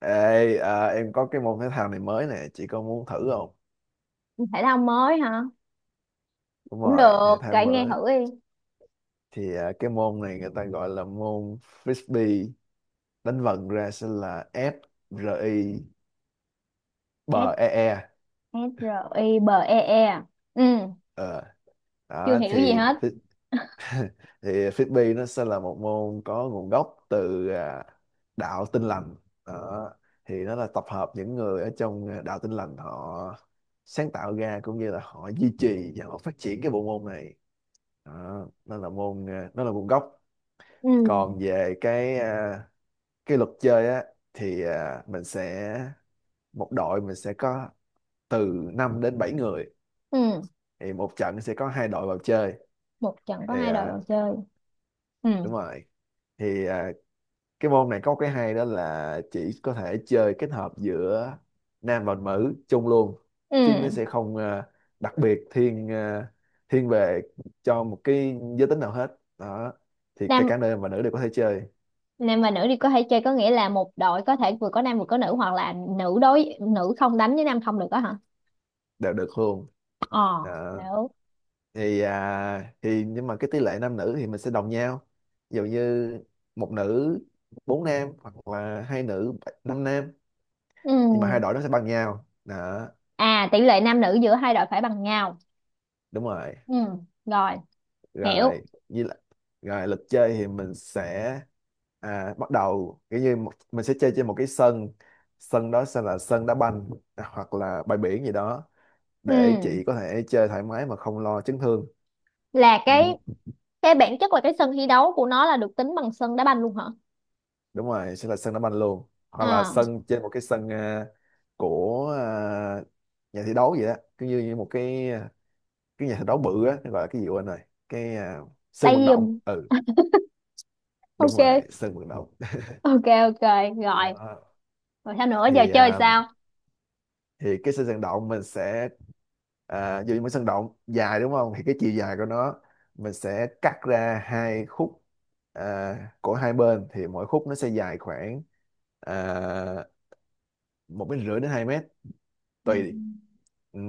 Ê, em có cái môn thể thao này mới nè, chị có muốn thử không? Thể thao mới hả? Đúng Cũng rồi, được, thể thao kể nghe mới. thử đi. Thì cái môn này người ta gọi là môn frisbee, đánh vần ra sẽ là F R I B S E E. S R I B E E à? Ừ. Ờ, Chưa đó hiểu thì gì hết. fris- thì frisbee nó sẽ là một môn có nguồn gốc từ đạo Tin lành. Đó. Thì nó là tập hợp những người ở trong đạo Tin lành họ sáng tạo ra cũng như là họ duy trì và họ phát triển cái bộ môn này đó, nó là môn nó là môn gốc. Ừ. Còn về cái cái luật chơi á, thì mình sẽ, một đội mình sẽ có từ 5 đến 7 người. Ừ. Thì một trận sẽ có hai đội vào chơi. Một trận có Thì hai đội chơi. Ừ. đúng rồi. Thì cái môn này có cái hay đó là chỉ có thể chơi kết hợp giữa nam và nữ chung luôn, chứ nó Ừ. sẽ không đặc biệt thiên thiên về cho một cái giới tính nào hết đó. Thì cả nam cả nam và nữ đều có thể chơi, nam và nữ đi có thể chơi có nghĩa là một đội có thể vừa có nam vừa có nữ hoặc là nữ đối nữ không đánh với nam không được đó hả? đều được luôn. Ờ. Ờ, Hiểu. thì thì nhưng mà cái tỷ lệ nam nữ thì mình sẽ đồng nhau, ví dụ như một nữ bốn nam, hoặc là hai nữ năm nam, Ừ. nhưng mà hai đội nó sẽ bằng nhau đó. À, tỷ lệ nam nữ giữa hai đội phải bằng nhau. Đúng rồi. Ừ. Rồi. Hiểu. Rồi như là, rồi lịch chơi thì mình sẽ bắt đầu kiểu như một, mình sẽ chơi trên một cái sân. Sân đó sẽ là sân đá banh, hoặc là bãi biển gì đó, để Ừ. chị có thể chơi thoải mái mà không lo chấn thương. Là Ừ. cái. Cái bản chất là cái sân thi đấu của nó là được tính bằng sân đá banh luôn hả? Đúng rồi, sẽ là sân đá banh luôn, hoặc là À. sân trên một cái sân của nhà thi đấu vậy đó, cứ như, như một cái cái nhà thi đấu bự á, nó gọi là cái gì quên rồi, cái sân Tay vận động. giùm. Ừ. Đúng rồi Ok. sân vận động. Ok, ok. Rồi. Đó. Rồi sao nữa, giờ Thì chơi sao? thì cái sân vận động mình sẽ dù như một sân động dài, đúng không, thì cái chiều dài của nó mình sẽ cắt ra hai khúc của hai bên, thì mỗi khúc nó sẽ dài khoảng à, 1,5 đến 2 mét, Ừ. tùy. Ừ.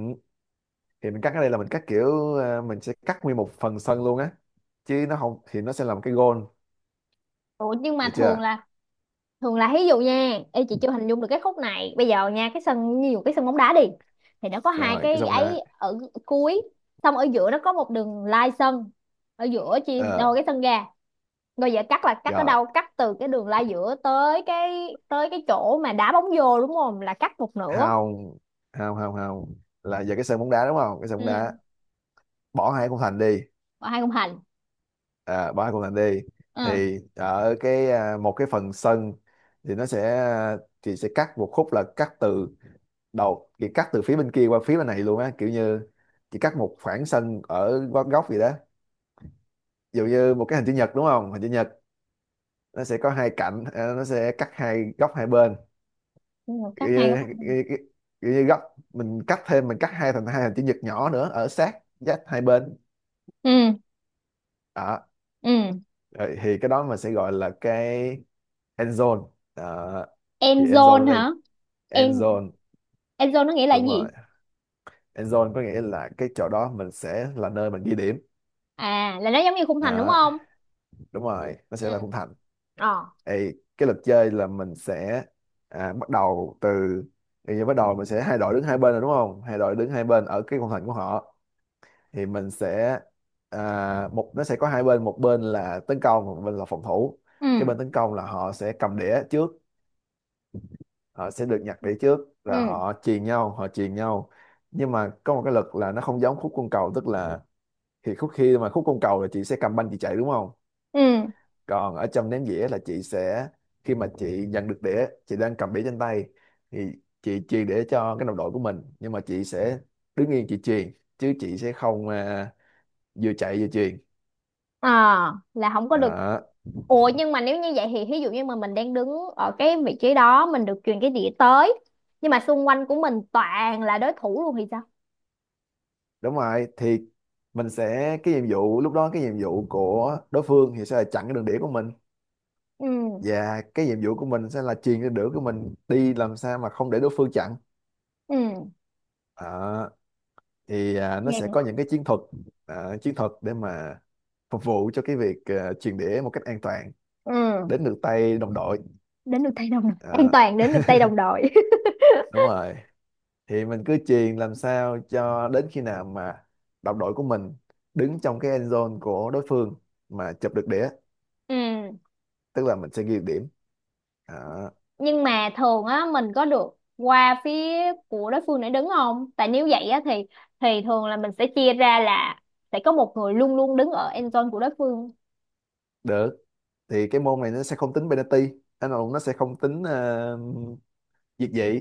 Thì mình cắt ở đây là mình cắt kiểu mình sẽ cắt nguyên một phần sân luôn á, chứ nó không thì nó sẽ là một cái goal, Ủa nhưng mà được thường chưa. là, thường là ví dụ nha, ê chị chưa hình dung được cái khúc này bây giờ nha, cái sân ví dụ cái sân bóng đá đi. Thì nó có hai Rồi, cái cái xong nè, ấy ở cuối. Xong ở giữa nó có một đường lai sân, ở giữa chia đôi ờ cái sân ra. Rồi giờ cắt là cắt ở rồi, đâu, cắt từ cái đường lai giữa tới cái chỗ mà đá bóng vô đúng không, là cắt một nửa. hao hao hao hao, là giờ cái sân bóng đá đúng không, cái sân Ừ. bóng đá bỏ hai khung thành đi, Và hai khung thành. Bỏ hai khung thành đi. Ừ. Thì ở cái một cái phần sân thì nó sẽ, thì sẽ cắt một khúc là cắt từ đầu, chỉ cắt từ phía bên kia qua phía bên này luôn á, kiểu như chỉ cắt một khoảng sân ở góc góc gì đó, ví dụ như một cái hình chữ nhật đúng không, hình chữ nhật nó sẽ có hai cạnh, nó sẽ cắt hai góc hai bên, Đúng rồi, kiểu cắt hai như, khung kiểu thành. như, kiểu như góc, mình cắt thêm, mình cắt hai thành hai hình chữ nhật nhỏ nữa ở sát giáp hai bên Ừ. đó. Ừ. Rồi thì cái đó mình sẽ gọi là cái end zone đó. Thì End end zone ở zone đây hả? end End, zone, end zone nó nghĩa là đúng rồi gì? end zone có nghĩa là cái chỗ đó mình sẽ là nơi mình ghi điểm À, là nó giống như khung thành đúng đó, không? đúng rồi nó sẽ Ừ. là khung thành. Ờ. Ê, cái luật chơi là mình sẽ bắt đầu từ, thì giờ bắt đầu mình sẽ hai đội đứng hai bên rồi đúng không? Hai đội đứng hai bên ở cái khung thành của họ, thì mình sẽ một nó sẽ có hai bên, một bên là tấn công một bên là phòng thủ. Cái Ừ. bên tấn công là họ sẽ cầm đĩa trước, họ sẽ được nhặt đĩa trước là Ừ. họ chuyền nhau họ chuyền nhau. Nhưng mà có một cái luật là nó không giống khúc côn cầu, tức là thì khúc, khi mà khúc côn cầu là chị sẽ cầm banh chị chạy đúng không, Ừ. còn ở trong ném dĩa là chị sẽ, khi mà chị nhận được đĩa chị đang cầm đĩa trên tay thì chị chuyền đĩa cho cái đồng đội của mình, nhưng mà chị sẽ đứng yên chị chuyền, chứ chị sẽ không vừa chạy vừa chuyền Ờ, là không có được. đó. Ủa nhưng mà nếu như vậy thì ví dụ như mà mình đang đứng ở cái vị trí đó, mình được truyền cái đĩa tới. Nhưng mà xung quanh của mình toàn là đối thủ luôn thì sao? Đúng rồi, thì mình sẽ cái nhiệm vụ lúc đó, cái nhiệm vụ của đối phương thì sẽ là chặn cái đường đĩa của mình, Ừ. và cái nhiệm vụ của mình sẽ là truyền cái đĩa của mình đi làm sao mà không để đối phương chặn. Ừ. à, nó Nghe sẽ có cũng- những cái chiến thuật, chiến thuật để mà phục vụ cho cái việc truyền đĩa một cách an toàn Ừ. đến được tay đồng đội. Đến được tay đồng đội. An à, toàn đến được tay đồng đội. đúng rồi, thì mình cứ truyền làm sao cho đến khi nào mà đồng đội của mình đứng trong cái end zone của đối phương mà chụp được đĩa, Ừ. tức là mình sẽ ghi được điểm. À, Nhưng mà thường á mình có được qua phía của đối phương để đứng không, tại nếu vậy á thì thường là mình sẽ chia ra là sẽ có một người luôn luôn đứng ở end zone của đối phương. được, thì cái môn này nó sẽ không tính penalty, anh Hùng nó sẽ không tính việt dị,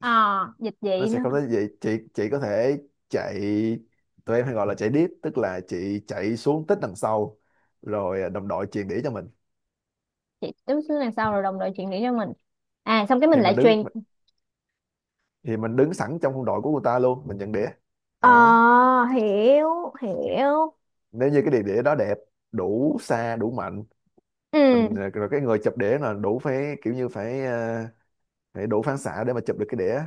À dịch nó vậy sẽ nữa. không tính gì, chị có thể chạy. Tụi em hay gọi là chạy deep, tức là chị chạy xuống tít đằng sau, rồi đồng đội chuyền đĩa cho mình. Chị đứng xuống đằng sau rồi đồng đội chuyển điểm cho mình, à xong cái mình thì mình lại đứng truyền. thì mình đứng sẵn trong khung đội của người ta luôn, mình nhận đĩa Ờ, đó. hiểu hiểu. Nếu như cái đĩa đó đẹp, đủ xa đủ mạnh, mình Ừ. Rồi cái người chụp đĩa là đủ phải kiểu như phải phải đủ phản xạ để mà chụp được cái đĩa,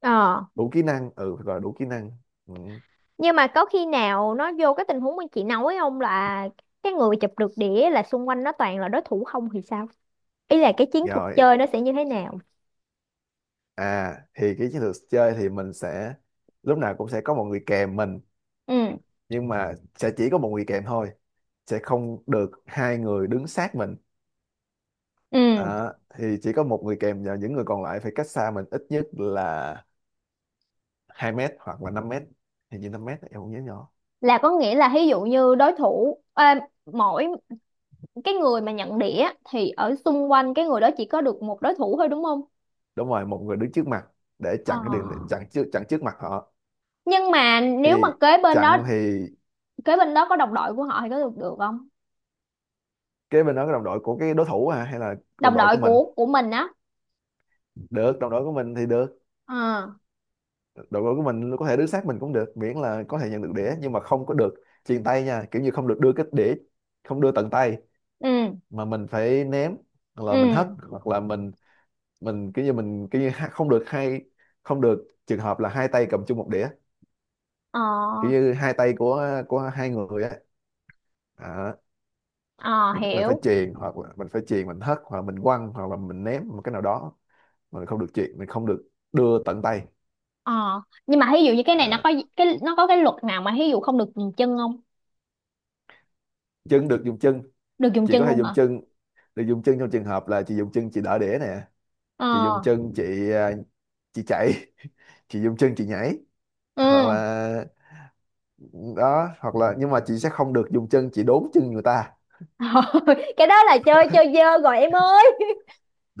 Ờ đủ kỹ năng, ừ phải gọi là đủ kỹ năng. Ừ. nhưng mà có khi nào nó vô cái tình huống mà chị nói không, là cái người chụp được đĩa là xung quanh nó toàn là đối thủ không thì sao? Ý là cái chiến thuật Rồi, chơi nó sẽ như thế nào? Thì cái chiến lược chơi thì mình sẽ lúc nào cũng sẽ có một người kèm mình, Ừ. nhưng mà sẽ chỉ có một người kèm thôi, sẽ không được hai người đứng sát mình. Ừ. À, thì chỉ có một người kèm và những người còn lại phải cách xa mình ít nhất là 2 mét hoặc là 5 mét. Hình như 5 mét em không nhớ nhỏ. Là có nghĩa là ví dụ như đối thủ à, mỗi cái người mà nhận đĩa thì ở xung quanh cái người đó chỉ có được một đối thủ thôi đúng không? Đúng rồi, một người đứng trước mặt để Ờ. chặn cái đường, chặn trước, chặn trước mặt họ. Nhưng mà nếu mà Thì kế bên đó, chặn thì kế bên đó có đồng đội của họ thì có được được không? cái bên đó cái đồng đội của cái đối thủ hả? Hay là đồng Đồng đội đội của mình? của mình á. Được, đồng đội của mình thì được, Ờ. đội bóng của mình có thể đứng sát mình cũng được, miễn là có thể nhận được đĩa, nhưng mà không có được chuyền tay nha, kiểu như không được đưa cái đĩa, không đưa tận tay, Ừ. mà mình phải ném, hoặc Ừ. là mình hất, hoặc là mình, mình kiểu như không được hai, không được trường hợp là hai tay cầm chung một đĩa, Ờ. kiểu như hai tay của hai người á, à, Ờ mình phải hiểu. chuyền, hoặc là mình phải chuyền, mình hất, hoặc là mình quăng, hoặc là mình ném một cái nào đó, mà mình không được chuyền mình không được đưa tận tay. Ờ. Nhưng mà ví dụ như cái này nó à, có cái nó có cái luật nào mà ví dụ không được dùng chân không? chân, được dùng chân, Được dùng chị chân có thể luôn dùng hả? chân, được dùng chân trong trường hợp là chị dùng chân chị đỡ đĩa nè, chị dùng Ờ. chân chị chị chạy, chị dùng chân chị nhảy, hoặc Ừ. là đó, hoặc là nhưng mà chị sẽ không được dùng chân chị đốn chân người ta Cái đó là chơi chơi dơ rồi em ơi.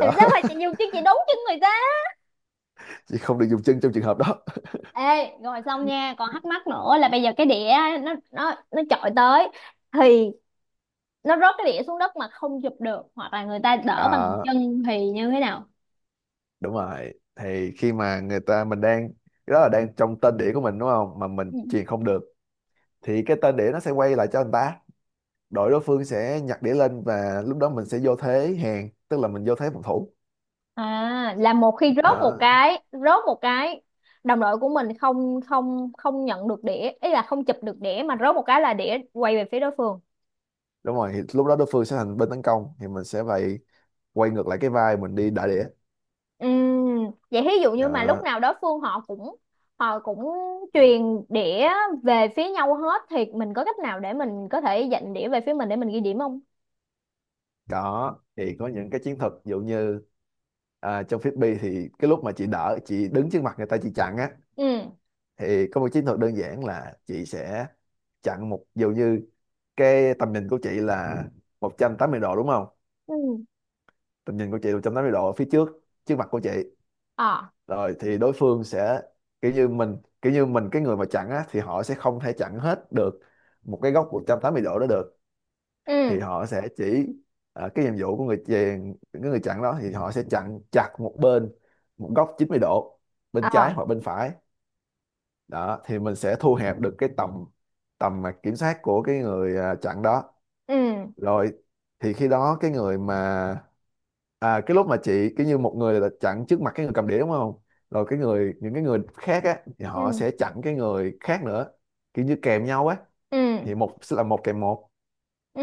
Thì sao phải chị dùng chứ chị đúng chân người ta. Chị không được dùng chân trong trường hợp đó. Ê rồi xong nha, còn thắc mắc nữa là bây giờ cái đĩa nó chọi tới thì nó rớt cái đĩa xuống đất mà không chụp được hoặc là người ta đỡ bằng à, chân thì như thế nào? đúng rồi, thì khi mà người ta mình đang, cái đó là đang trong tên đĩa của mình đúng không, mà mình Ừ. truyền không được, thì cái tên đĩa nó sẽ quay lại cho người ta, đội đối phương sẽ nhặt đĩa lên và lúc đó mình sẽ vô thế hàng, tức là mình vô thế phòng thủ. À là một khi rớt một Đó. cái rớt một cái đồng đội của mình không không không nhận được đĩa, ý là không chụp được đĩa mà rớt một cái là đĩa quay về phía đối phương. Đúng rồi thì lúc đó đối phương sẽ thành bên tấn công, thì mình sẽ phải quay ngược lại cái vai mình đi đả đĩa Vậy thí dụ như mà lúc đó. nào đó Phương họ cũng, họ cũng truyền đĩa về phía nhau hết thì mình có cách nào để mình có thể dành đĩa về phía mình để mình ghi điểm không? Có, thì có những cái chiến thuật ví dụ như trong frisbee thì cái lúc mà chị đỡ, chị đứng trước mặt người ta chị chặn á, Ừ. thì có một chiến thuật đơn giản là chị sẽ chặn một, ví dụ như, cái tầm nhìn của chị là 180 độ đúng không, Ừ. tầm nhìn của chị là 180 độ ở phía trước, trước mặt của chị, Ờ. rồi thì đối phương sẽ kiểu như mình kiểu như mình cái người mà chặn á thì họ sẽ không thể chặn hết được một cái góc 180 độ đó được, Ừ. thì họ sẽ chỉ, cái nhiệm vụ của người chèn cái người chặn đó thì họ sẽ chặn chặt một bên, một góc 90 độ bên trái Ờ. hoặc bên phải đó, thì mình sẽ thu hẹp được cái tầm tầm mà kiểm soát của cái người chặn đó. Ừ. Rồi thì khi đó cái người mà cái lúc mà chị cái như một người là chặn trước mặt cái người cầm đĩa đúng không, rồi cái người những cái người khác á thì họ Ừ. sẽ chặn cái người khác nữa, kiểu như kèm nhau á, Ừ. thì một sẽ là một kèm một Ừ.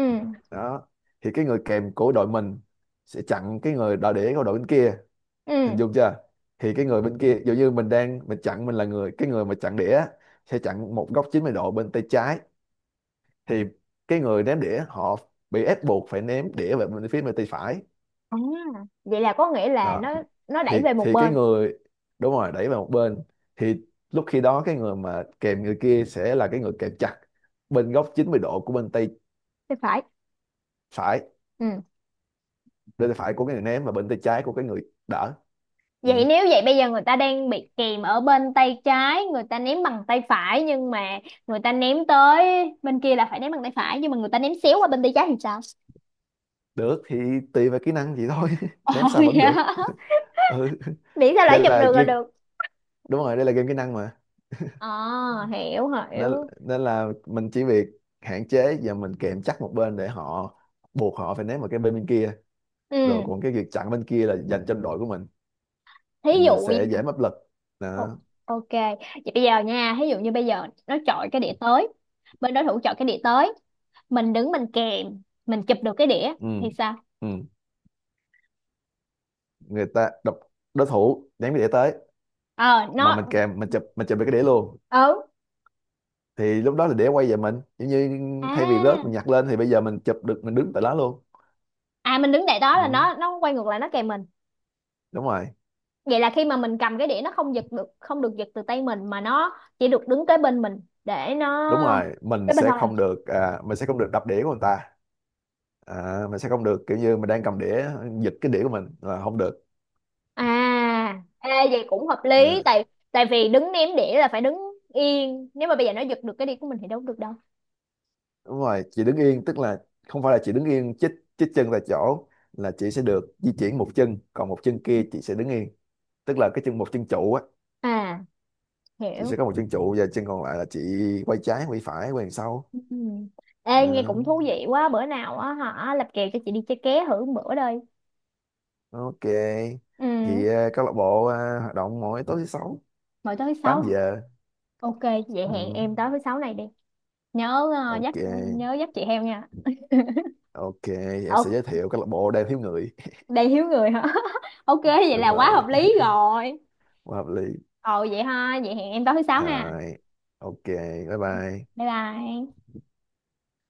đó. Thì cái người kèm của đội mình sẽ chặn cái người đòi đĩa của đội bên kia, hình Ừ. dung chưa. Thì cái người bên kia dụ như mình đang mình chặn, mình là người cái người mà chặn đĩa sẽ chặn một góc 90 độ bên tay trái, thì cái người ném đĩa họ bị ép buộc phải ném đĩa về bên phía bên tay phải À, vậy là có nghĩa là đó. nó đẩy thì về một thì cái bên người đúng rồi đẩy vào một bên, thì lúc khi đó cái người mà kèm người kia sẽ là cái người kèm chặt bên góc 90 độ của bên tay thì phải. phải, Ừ. bên tay phải của cái người ném và bên tay trái của cái người đỡ. Ừ. Vậy nếu vậy bây giờ người ta đang bị kìm ở bên tay trái, người ta ném bằng tay phải nhưng mà người ta ném tới bên kia là phải ném bằng tay phải nhưng mà người ta ném xéo qua bên tay trái thì sao? Được, thì tùy vào kỹ năng vậy thôi, Ồ ném sao vẫn dạ. được. Ừ. Miễn sao Đây lại chụp là được là game, được. đúng rồi đây là game kỹ năng mà. Ờ hiểu Nên hiểu. nên là mình chỉ việc hạn chế và mình kèm chắc một bên để họ, buộc họ phải ném vào cái bên bên kia, rồi Ừ, còn cái việc chặn bên kia là dành cho đội của mình thí thì mình dụ nha. sẽ dễ áp lực Ồ, đó. ok. Vậy bây giờ nha, thí dụ như bây giờ nó chọi cái đĩa tới, bên đối thủ chọi cái đĩa tới, mình đứng mình kèm, mình chụp được cái đĩa Ừ. thì sao? Ừ. Người ta đập, đối thủ ném cái đĩa tới, Ờ mà nó. mình kèm mình chụp được cái đĩa luôn, Ừ. thì lúc đó là đĩa quay về mình giống như thay vì rớt À, mình nhặt lên thì bây giờ mình chụp được mình đứng tại đó luôn. à, mình đứng tại đó là Ừ. nó quay ngược lại nó kèm mình, đúng rồi vậy là khi mà mình cầm cái đĩa nó không giật được, không được giật từ tay mình mà nó chỉ được đứng kế bên mình để nó đúng rồi mình cái bên sẽ thôi. không được mình sẽ không được đập đĩa của người ta. Mình sẽ không được kiểu như mình đang cầm đĩa, giật cái đĩa của mình là không được. À ê, vậy cũng hợp lý à, tại tại vì đứng ném đĩa là phải đứng yên, nếu mà bây giờ nó giật được cái đĩa của mình thì đâu có được đâu. đúng rồi chị đứng yên, tức là không phải là chị đứng yên chích, chích chân tại chỗ, là chị sẽ được di chuyển một chân còn một chân kia chị sẽ đứng yên, tức là cái chân một chân trụ á. À Chị sẽ hiểu. có một chân trụ và chân còn lại là chị quay trái quay phải quay đằng sau. Ừ. Ê nghe à, cũng thú vị quá, bữa nào á hả lập kèo cho chị đi chơi ké thử một bữa đây. ok, Ừ. thì câu lạc bộ hoạt động mỗi tối thứ sáu Mỗi tối thứ tám sáu. giờ Ok vậy hẹn Ừ, em tối thứ sáu này đi. Nhớ dắt, ok. nhớ dắt chị heo nha. Ok, em sẽ giới Ok. thiệu câu lạc bộ đang thiếu người. Đầy hiếu người hả? Ok vậy là Đúng quá rồi, hợp lý rồi. quá hợp lý. Ồ vậy ha, vậy hẹn em tối thứ sáu ha. Rồi, ok, bye bye. Bye bye.